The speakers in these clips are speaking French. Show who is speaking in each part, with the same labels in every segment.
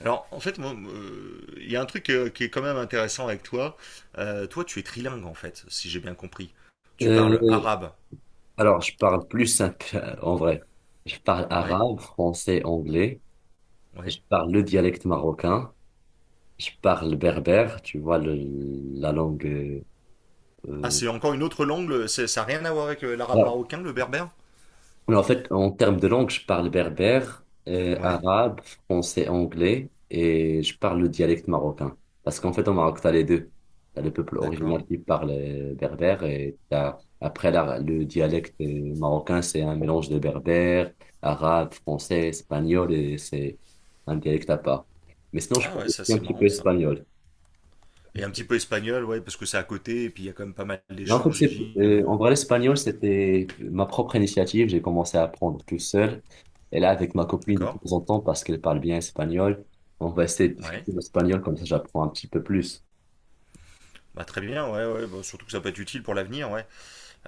Speaker 1: Alors, en fait, moi, il y a un truc qui est quand même intéressant avec toi. Toi, tu es trilingue, en fait, si j'ai bien compris. Tu parles
Speaker 2: Euh,
Speaker 1: arabe.
Speaker 2: alors, je parle plus simple, en vrai. Je parle
Speaker 1: Ouais,
Speaker 2: arabe, français, anglais.
Speaker 1: ouais.
Speaker 2: Je parle le dialecte marocain. Je parle berbère, tu vois, la langue.
Speaker 1: Ah,
Speaker 2: Euh,
Speaker 1: c'est encore une autre langue, ça n'a rien à voir avec l'arabe marocain, le berbère?
Speaker 2: Mais en fait, en termes de langue, je parle berbère,
Speaker 1: Ouais,
Speaker 2: arabe, français, anglais et je parle le dialecte marocain. Parce qu'en fait, au Maroc, t'as les deux. T'as le peuple
Speaker 1: d'accord.
Speaker 2: original qui parle berbère, et t'as, après, le dialecte marocain. C'est un mélange de berbère, arabe, français, espagnol, et c'est un dialecte à part. Mais sinon, je
Speaker 1: Ah
Speaker 2: parle
Speaker 1: ouais,
Speaker 2: aussi
Speaker 1: ça
Speaker 2: un
Speaker 1: c'est
Speaker 2: petit peu
Speaker 1: marrant ça.
Speaker 2: espagnol.
Speaker 1: Et un petit peu espagnol, ouais, parce que c'est à côté, et puis il y a quand même pas mal
Speaker 2: Non, en fait,
Speaker 1: d'échanges, j'imagine.
Speaker 2: en vrai, l'espagnol, c'était ma propre initiative. J'ai commencé à apprendre tout seul. Et là, avec ma copine, de
Speaker 1: D'accord?
Speaker 2: temps en temps, parce qu'elle parle bien espagnol, on va essayer de
Speaker 1: Ouais.
Speaker 2: discuter l'espagnol, comme ça, j'apprends un petit peu plus.
Speaker 1: Bah très bien, ouais, ouais, bah, surtout que ça peut être utile pour l'avenir, ouais.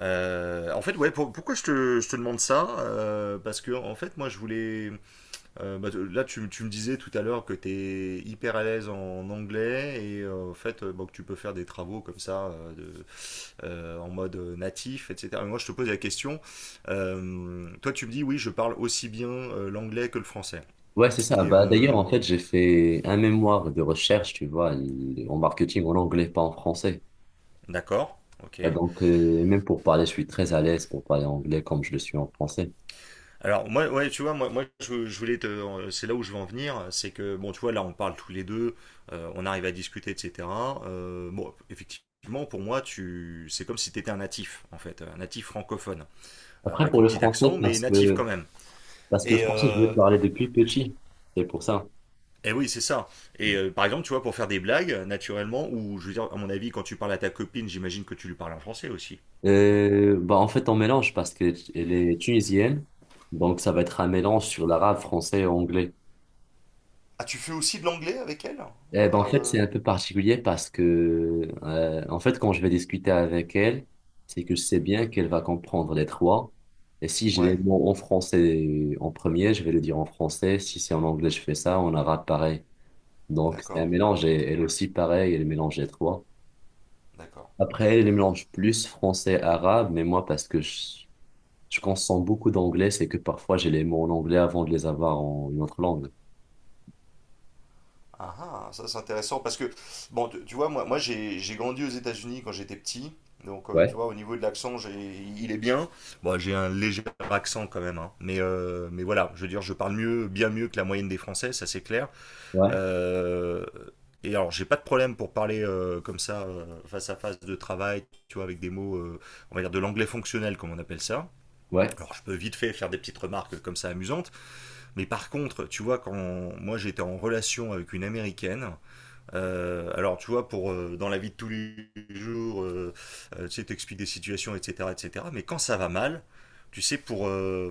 Speaker 1: En fait, ouais, pourquoi je je te demande ça? Parce que, en fait, moi, je voulais… bah, là, tu me disais tout à l'heure que tu es hyper à l'aise en anglais et en fait bon, que tu peux faire des travaux comme ça en mode natif, etc. Mais moi, je te pose la question. Toi, tu me dis oui, je parle aussi bien l'anglais que le français.
Speaker 2: Ouais, c'est ça.
Speaker 1: Et
Speaker 2: Bah, d'ailleurs, en
Speaker 1: euh,
Speaker 2: fait, j'ai fait un mémoire de recherche, tu vois, en marketing, en anglais, pas en français.
Speaker 1: d'accord,
Speaker 2: Bah,
Speaker 1: ok.
Speaker 2: donc, même pour parler, je suis très à l'aise pour parler anglais comme je le suis en français.
Speaker 1: Alors moi, ouais, tu vois, je voulais te, c'est là où je veux en venir, c'est que bon, tu vois, là on parle tous les deux, on arrive à discuter, etc. Bon, effectivement, pour moi, c'est comme si tu étais un natif, en fait, un natif francophone,
Speaker 2: Après,
Speaker 1: avec
Speaker 2: pour
Speaker 1: un
Speaker 2: le
Speaker 1: petit accent,
Speaker 2: français,
Speaker 1: mais natif quand même.
Speaker 2: parce que le
Speaker 1: Et
Speaker 2: français, je l'ai
Speaker 1: euh,
Speaker 2: parlé depuis petit. C'est pour ça.
Speaker 1: eh oui, c'est ça. Par exemple, tu vois, pour faire des blagues, naturellement, ou je veux dire, à mon avis, quand tu parles à ta copine, j'imagine que tu lui parles en français aussi. Hein.
Speaker 2: Bah en fait, on mélange parce qu'elle est tunisienne, donc ça va être un mélange sur l'arabe, français et anglais.
Speaker 1: Ah, tu fais aussi de l'anglais avec elle?
Speaker 2: Eh ben, en fait,
Speaker 1: Euh,
Speaker 2: c'est un peu particulier parce que, en fait, quand je vais discuter avec elle, c'est que je sais bien qu'elle va comprendre les trois. Et si j'ai les
Speaker 1: Ouais,
Speaker 2: mots en français en premier, je vais le dire en français. Si c'est en anglais, je fais ça. En arabe, pareil. Donc, c'est un
Speaker 1: d'accord.
Speaker 2: mélange.
Speaker 1: Ok,
Speaker 2: Et elle aussi, pareil, elle mélange les trois.
Speaker 1: d'accord.
Speaker 2: Après, elle mélange plus français-arabe, mais moi, je consomme beaucoup d'anglais, c'est que parfois j'ai les mots en anglais avant de les avoir en une autre langue.
Speaker 1: Ah, ah, ça c'est intéressant parce que, bon, tu vois, moi, moi j'ai grandi aux États-Unis quand j'étais petit. Donc, tu
Speaker 2: Ouais,
Speaker 1: vois, au niveau de l'accent, il est bien. Bon, j'ai un léger accent quand même, hein. Mais voilà, je veux dire, je parle mieux, bien mieux que la moyenne des Français, ça c'est clair.
Speaker 2: ouais,
Speaker 1: Euh, et alors, j'ai pas de problème pour parler comme ça, face à face de travail, tu vois, avec des mots, on va dire de l'anglais fonctionnel, comme on appelle ça.
Speaker 2: ouais.
Speaker 1: Alors, je peux vite fait faire des petites remarques comme ça amusantes. Mais par contre, tu vois, quand moi j'étais en relation avec une Américaine, alors, tu vois, pour dans la vie de tous les jours, tu sais, t'expliques des situations, etc., etc. Mais quand ça va mal, tu sais, pour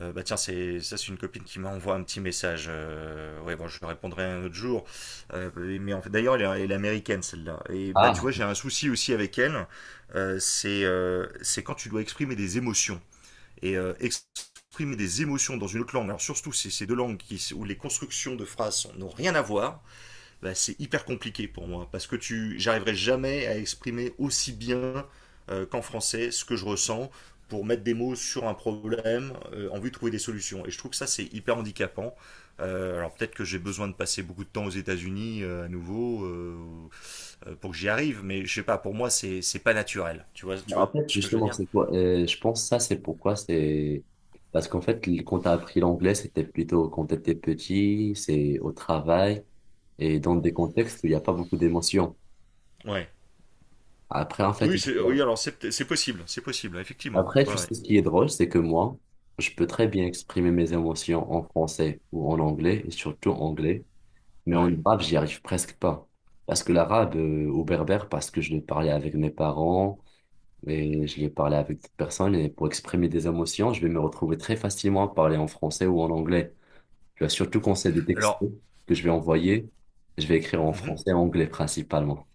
Speaker 1: bah tiens, c'est ça, c'est une copine qui m'envoie un petit message. Ouais, bon, je lui répondrai un autre jour. Mais en fait, d'ailleurs, elle est américaine celle-là. Et bah, tu vois,
Speaker 2: Ah,
Speaker 1: j'ai un souci aussi avec elle. C'est c'est quand tu dois exprimer des émotions et exprimer des émotions dans une autre langue. Alors surtout, c'est ces deux langues qui, où les constructions de phrases n'ont rien à voir, bah, c'est hyper compliqué pour moi parce que tu, j'arriverai jamais à exprimer aussi bien qu'en français ce que je ressens pour mettre des mots sur un problème en vue de trouver des solutions. Et je trouve que ça c'est hyper handicapant. Alors peut-être que j'ai besoin de passer beaucoup de temps aux États-Unis à nouveau pour que j'y arrive, mais je sais pas, pour moi c'est pas naturel. Tu vois
Speaker 2: en fait,
Speaker 1: ce que je veux
Speaker 2: justement,
Speaker 1: dire?
Speaker 2: c'est quoi? Je pense ça, c'est pourquoi c'est... Parce qu'en fait, quand t'as appris l'anglais, c'était plutôt quand t'étais petit, c'est au travail et dans des contextes où il n'y a pas beaucoup d'émotions.
Speaker 1: Ouais.
Speaker 2: Après, en fait,
Speaker 1: Oui, c'est oui, alors c'est possible, effectivement.
Speaker 2: après,
Speaker 1: Ouais,
Speaker 2: tu
Speaker 1: ouais.
Speaker 2: sais ce qui est drôle, c'est que moi, je peux très bien exprimer mes émotions en français ou en anglais, et surtout anglais. Mais en
Speaker 1: Ouais.
Speaker 2: arabe, j'y arrive presque pas. Parce que l'arabe, au berbère, parce que je l'ai parlé avec mes parents et je l'ai parlé avec d'autres personnes. Et pour exprimer des émotions, je vais me retrouver très facilement à parler en français ou en anglais. Tu vois, surtout quand c'est des textos
Speaker 1: Alors,
Speaker 2: que je vais envoyer, je vais écrire en
Speaker 1: mhm.
Speaker 2: français et anglais principalement.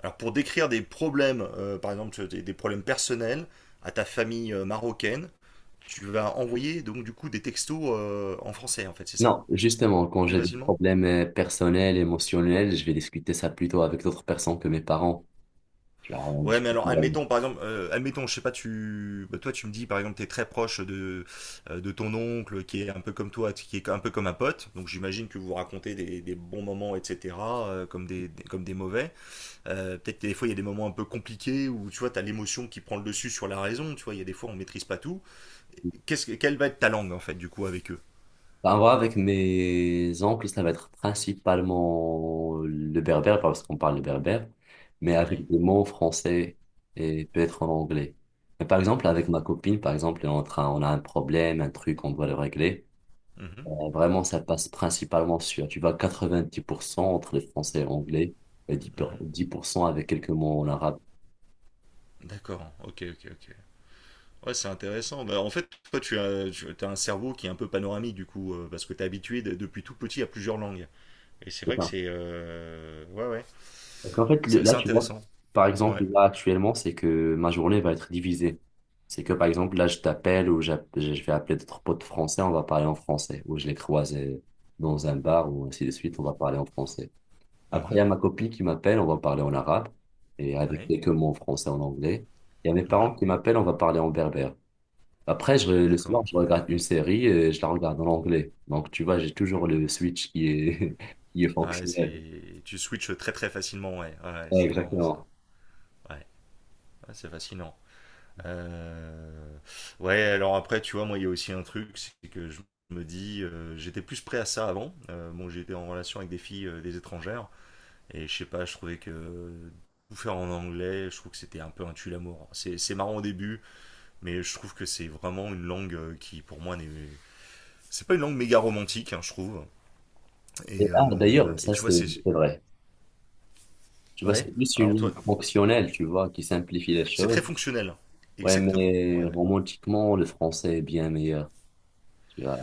Speaker 1: Alors pour décrire des problèmes, par exemple des problèmes personnels à ta famille marocaine, tu vas envoyer donc du coup des textos en français en fait, c'est ça?
Speaker 2: Non, justement, quand
Speaker 1: Plus
Speaker 2: j'ai des
Speaker 1: facilement.
Speaker 2: problèmes personnels, émotionnels, je vais discuter ça plutôt avec d'autres personnes que mes parents. Tu vois, on
Speaker 1: Ouais, mais
Speaker 2: discute.
Speaker 1: alors admettons par exemple, admettons, je sais pas, tu, bah, toi tu me dis par exemple, t'es très proche de ton oncle qui est un peu comme toi, qui est un peu comme un pote, donc j'imagine que vous vous racontez des bons moments, etc., comme comme des mauvais. Peut-être que des fois il y a des moments un peu compliqués où tu vois, t'as l'émotion qui prend le dessus sur la raison, tu vois, il y a des fois on maîtrise pas tout. Quelle va être ta langue en fait du coup avec eux?
Speaker 2: Bah, en vrai, avec mes oncles, ça va être principalement le berbère, parce qu'on parle le berbère, mais avec
Speaker 1: Ouais.
Speaker 2: des mots français et peut-être en anglais. Mais par exemple, avec ma copine, par exemple, on est en train, on a un problème, un truc, on doit le régler.
Speaker 1: Mhm,
Speaker 2: Vraiment, ça passe principalement sur, tu vois, 90% entre les français et anglais, et
Speaker 1: mhm.
Speaker 2: 10% avec quelques mots en arabe.
Speaker 1: D'accord, ok, ok, ok. Ouais, c'est intéressant. Bah, en fait, toi, tu as un cerveau qui est un peu panoramique, du coup, parce que tu es habitué depuis tout petit à plusieurs langues. Et c'est vrai que c'est… Ouais, ouais.
Speaker 2: Donc en fait, là,
Speaker 1: C'est
Speaker 2: tu vois,
Speaker 1: intéressant.
Speaker 2: par exemple,
Speaker 1: Ouais.
Speaker 2: là, actuellement, c'est que ma journée va être divisée. C'est que, par exemple, là, je t'appelle ou je vais appeler d'autres potes français, on va parler en français. Ou je les croise dans un bar ou ainsi de suite, on va parler en français. Après, il y
Speaker 1: Mhm,
Speaker 2: a ma copine qui m'appelle, on va parler en arabe et avec
Speaker 1: ouais.
Speaker 2: quelques mots en français, en anglais. Il y a mes
Speaker 1: Mhm,
Speaker 2: parents qui m'appellent, on va parler en berbère. Après, le
Speaker 1: d'accord.
Speaker 2: soir, je regarde une série et je la regarde en anglais. Donc, tu vois, j'ai toujours le switch qui est, qui est
Speaker 1: Ouais,
Speaker 2: fonctionnel.
Speaker 1: c'est… Tu switches très, très facilement, ouais. Ouais,
Speaker 2: Ouais,
Speaker 1: c'est marrant ça.
Speaker 2: exactement.
Speaker 1: Ouais, ouais, c'est fascinant. Euh, Ouais, alors après, tu vois, moi, il y a aussi un truc, c'est que je me dis, j'étais plus prêt à ça avant. Bon, j'étais en relation avec des filles, des étrangères, et je sais pas, je trouvais que tout faire en anglais, je trouve que c'était un peu un tue-l'amour. C'est marrant au début, mais je trouve que c'est vraiment une langue qui, pour moi, n'est… C'est pas une langue méga romantique, hein, je trouve.
Speaker 2: Et, ah, d'ailleurs,
Speaker 1: Et
Speaker 2: ça
Speaker 1: tu vois,
Speaker 2: c'est
Speaker 1: c'est…
Speaker 2: c'est vrai. Tu vois, c'est
Speaker 1: Ouais,
Speaker 2: plus une
Speaker 1: alors
Speaker 2: langue
Speaker 1: toi,
Speaker 2: fonctionnelle, tu vois, qui simplifie les
Speaker 1: c'est
Speaker 2: choses.
Speaker 1: très fonctionnel.
Speaker 2: Ouais,
Speaker 1: Exactement,
Speaker 2: mais
Speaker 1: ouais.
Speaker 2: romantiquement, le français est bien meilleur. Tu vois,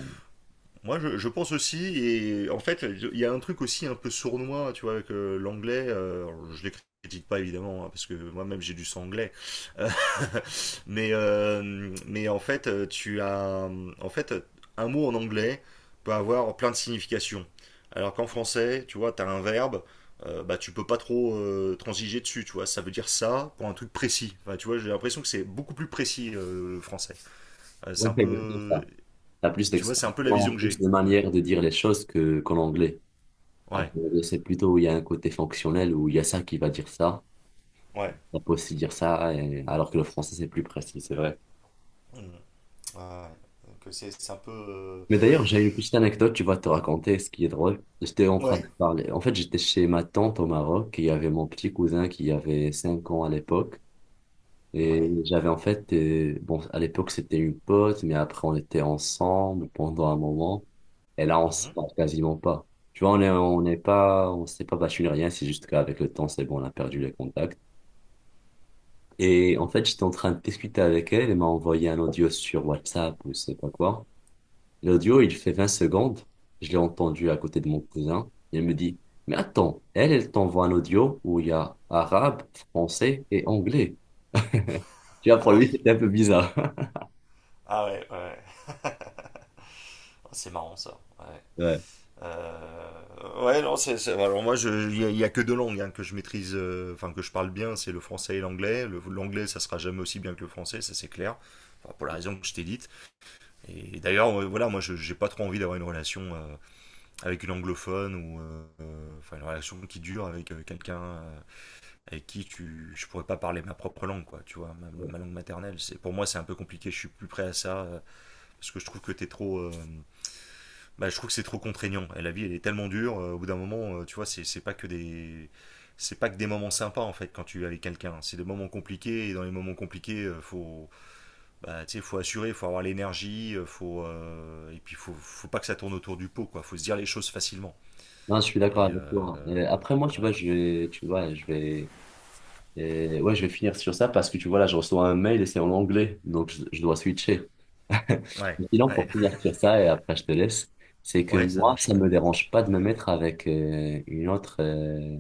Speaker 1: Moi, je pense aussi, et en fait, il y a un truc aussi un peu sournois, tu vois, avec l'anglais. Alors, je les critique pas évidemment, hein, parce que moi-même j'ai du sang anglais. Euh, mais en fait, tu as, en fait, un mot en anglais peut avoir plein de significations. Alors qu'en français, tu vois, tu as un verbe, bah tu peux pas trop transiger dessus, tu vois. Ça veut dire ça pour un truc précis. Enfin, tu vois, j'ai l'impression que c'est beaucoup plus précis le français. C'est
Speaker 2: ouais,
Speaker 1: un
Speaker 2: c'est exactement
Speaker 1: peu,
Speaker 2: ça. T'as plus
Speaker 1: tu vois, c'est un peu la vision
Speaker 2: d'expression,
Speaker 1: que j'ai.
Speaker 2: plus de
Speaker 1: Ouais.
Speaker 2: manières de dire les choses que qu'en anglais. Alors,
Speaker 1: Ouais.
Speaker 2: que l'anglais, c'est plutôt, où il y a un côté fonctionnel où il y a ça qui va dire ça.
Speaker 1: Mm. Ouais.
Speaker 2: On peut aussi dire ça, alors que le français, c'est plus précis, c'est vrai.
Speaker 1: Mhm. Ouais. Donc c'est un peu…
Speaker 2: Mais d'ailleurs, j'ai une petite anecdote, tu vas te raconter ce qui est drôle. J'étais en train de
Speaker 1: Ouais.
Speaker 2: parler. En fait, j'étais chez ma tante au Maroc, et il y avait mon petit cousin qui avait 5 ans à l'époque. Et
Speaker 1: Ouais.
Speaker 2: j'avais en fait, bon, à l'époque, c'était une pote, mais après, on était ensemble pendant un moment. Et là, on se
Speaker 1: Mhm.
Speaker 2: parle quasiment pas. Tu vois, on n'est pas, on s'est pas battu ni rien, c'est juste qu'avec le temps, c'est bon, on a perdu les contacts. Et en fait, j'étais en train de discuter avec elle, elle m'a envoyé un audio sur WhatsApp ou je sais pas quoi. L'audio, il fait 20 secondes. Je l'ai entendu à côté de mon cousin. Il me dit, mais attends, elle, elle t'envoie un audio où il y a arabe, français et anglais. Tu vois, pour
Speaker 1: Ah
Speaker 2: lui,
Speaker 1: oui.
Speaker 2: c'était un peu bizarre.
Speaker 1: Ah ouais, ouais. Ouais. Oh, c'est marrant ça. Ouais.
Speaker 2: Ouais.
Speaker 1: Euh, Ouais, non, c'est… Alors moi, il y a que deux langues hein, que je maîtrise, enfin que je parle bien, c'est le français et l'anglais. L'anglais, ça sera jamais aussi bien que le français, ça c'est clair. Enfin, pour la raison que je t'ai dite. Et d'ailleurs, voilà, moi, je j'ai pas trop envie d'avoir une relation avec une anglophone ou enfin une relation qui dure avec quelqu'un. Avec je pourrais pas parler ma propre langue, quoi, tu vois,
Speaker 2: Ouais.
Speaker 1: ma langue maternelle. C'est, pour moi, c'est un peu compliqué, je suis plus prêt à ça, parce que je trouve que t'es trop, bah, je trouve que c'est trop contraignant. Et la vie, elle est tellement dure, au bout d'un moment, tu vois, c'est pas que des, c'est pas que des moments sympas, en fait, quand tu es avec quelqu'un. C'est des moments compliqués, et dans les moments compliqués, faut, bah, tu sais, faut assurer, faut avoir l'énergie, faut, et puis faut pas que ça tourne autour du pot, quoi, faut se dire les choses facilement.
Speaker 2: Non, je suis d'accord
Speaker 1: Et,
Speaker 2: avec toi. Après, moi, tu
Speaker 1: ouais,
Speaker 2: vois, vais, tu vois, je vais, ouais, je vais finir sur ça parce que tu vois, là, je reçois un mail et c'est en anglais. Donc, je dois switcher.
Speaker 1: ouais,
Speaker 2: Mais sinon, pour
Speaker 1: ouais,
Speaker 2: finir sur ça, et après, je te laisse, c'est que
Speaker 1: ouais, ça
Speaker 2: moi,
Speaker 1: marche,
Speaker 2: ça
Speaker 1: ouais.
Speaker 2: me dérange pas de me mettre avec une autre.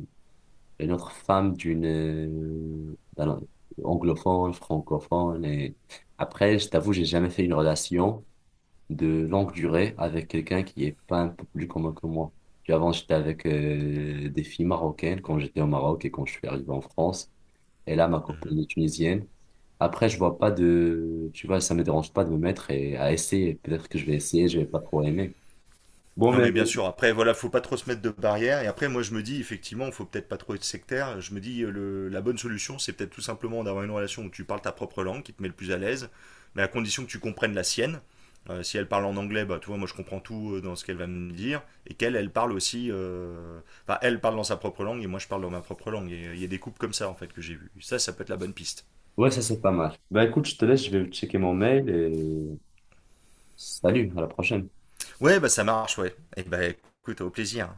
Speaker 2: Une autre femme d'une d'un anglophone, francophone. Et après, je t'avoue, j'ai jamais fait une relation de longue durée avec quelqu'un qui est pas un peu plus commun que moi. Puis avant, j'étais avec des filles marocaines quand j'étais au Maroc et quand je suis arrivé en France. Et là, ma copine est tunisienne. Après, je vois pas de, tu vois, ça me dérange pas de me mettre et à essayer. Peut-être que je vais essayer, je vais pas trop aimer. Bon,
Speaker 1: Non
Speaker 2: mais
Speaker 1: mais bien sûr, après voilà, faut pas trop se mettre de barrières. Et après moi je me dis effectivement, faut peut-être pas trop être sectaire. Je me dis la bonne solution c'est peut-être tout simplement d'avoir une relation où tu parles ta propre langue, qui te met le plus à l'aise, mais à condition que tu comprennes la sienne. Si elle parle en anglais, bah tu vois, moi je comprends tout dans ce qu'elle va me dire, et qu'elle, elle parle aussi, enfin elle parle dans sa propre langue et moi je parle dans ma propre langue. Et il y a des couples comme ça en fait que j'ai vu. Ça peut être la bonne piste.
Speaker 2: ouais, ça c'est pas mal. Bah écoute, je te laisse, je vais checker mon mail et salut, à la prochaine.
Speaker 1: Ouais, bah ça marche, ouais. Et bah écoute, au plaisir.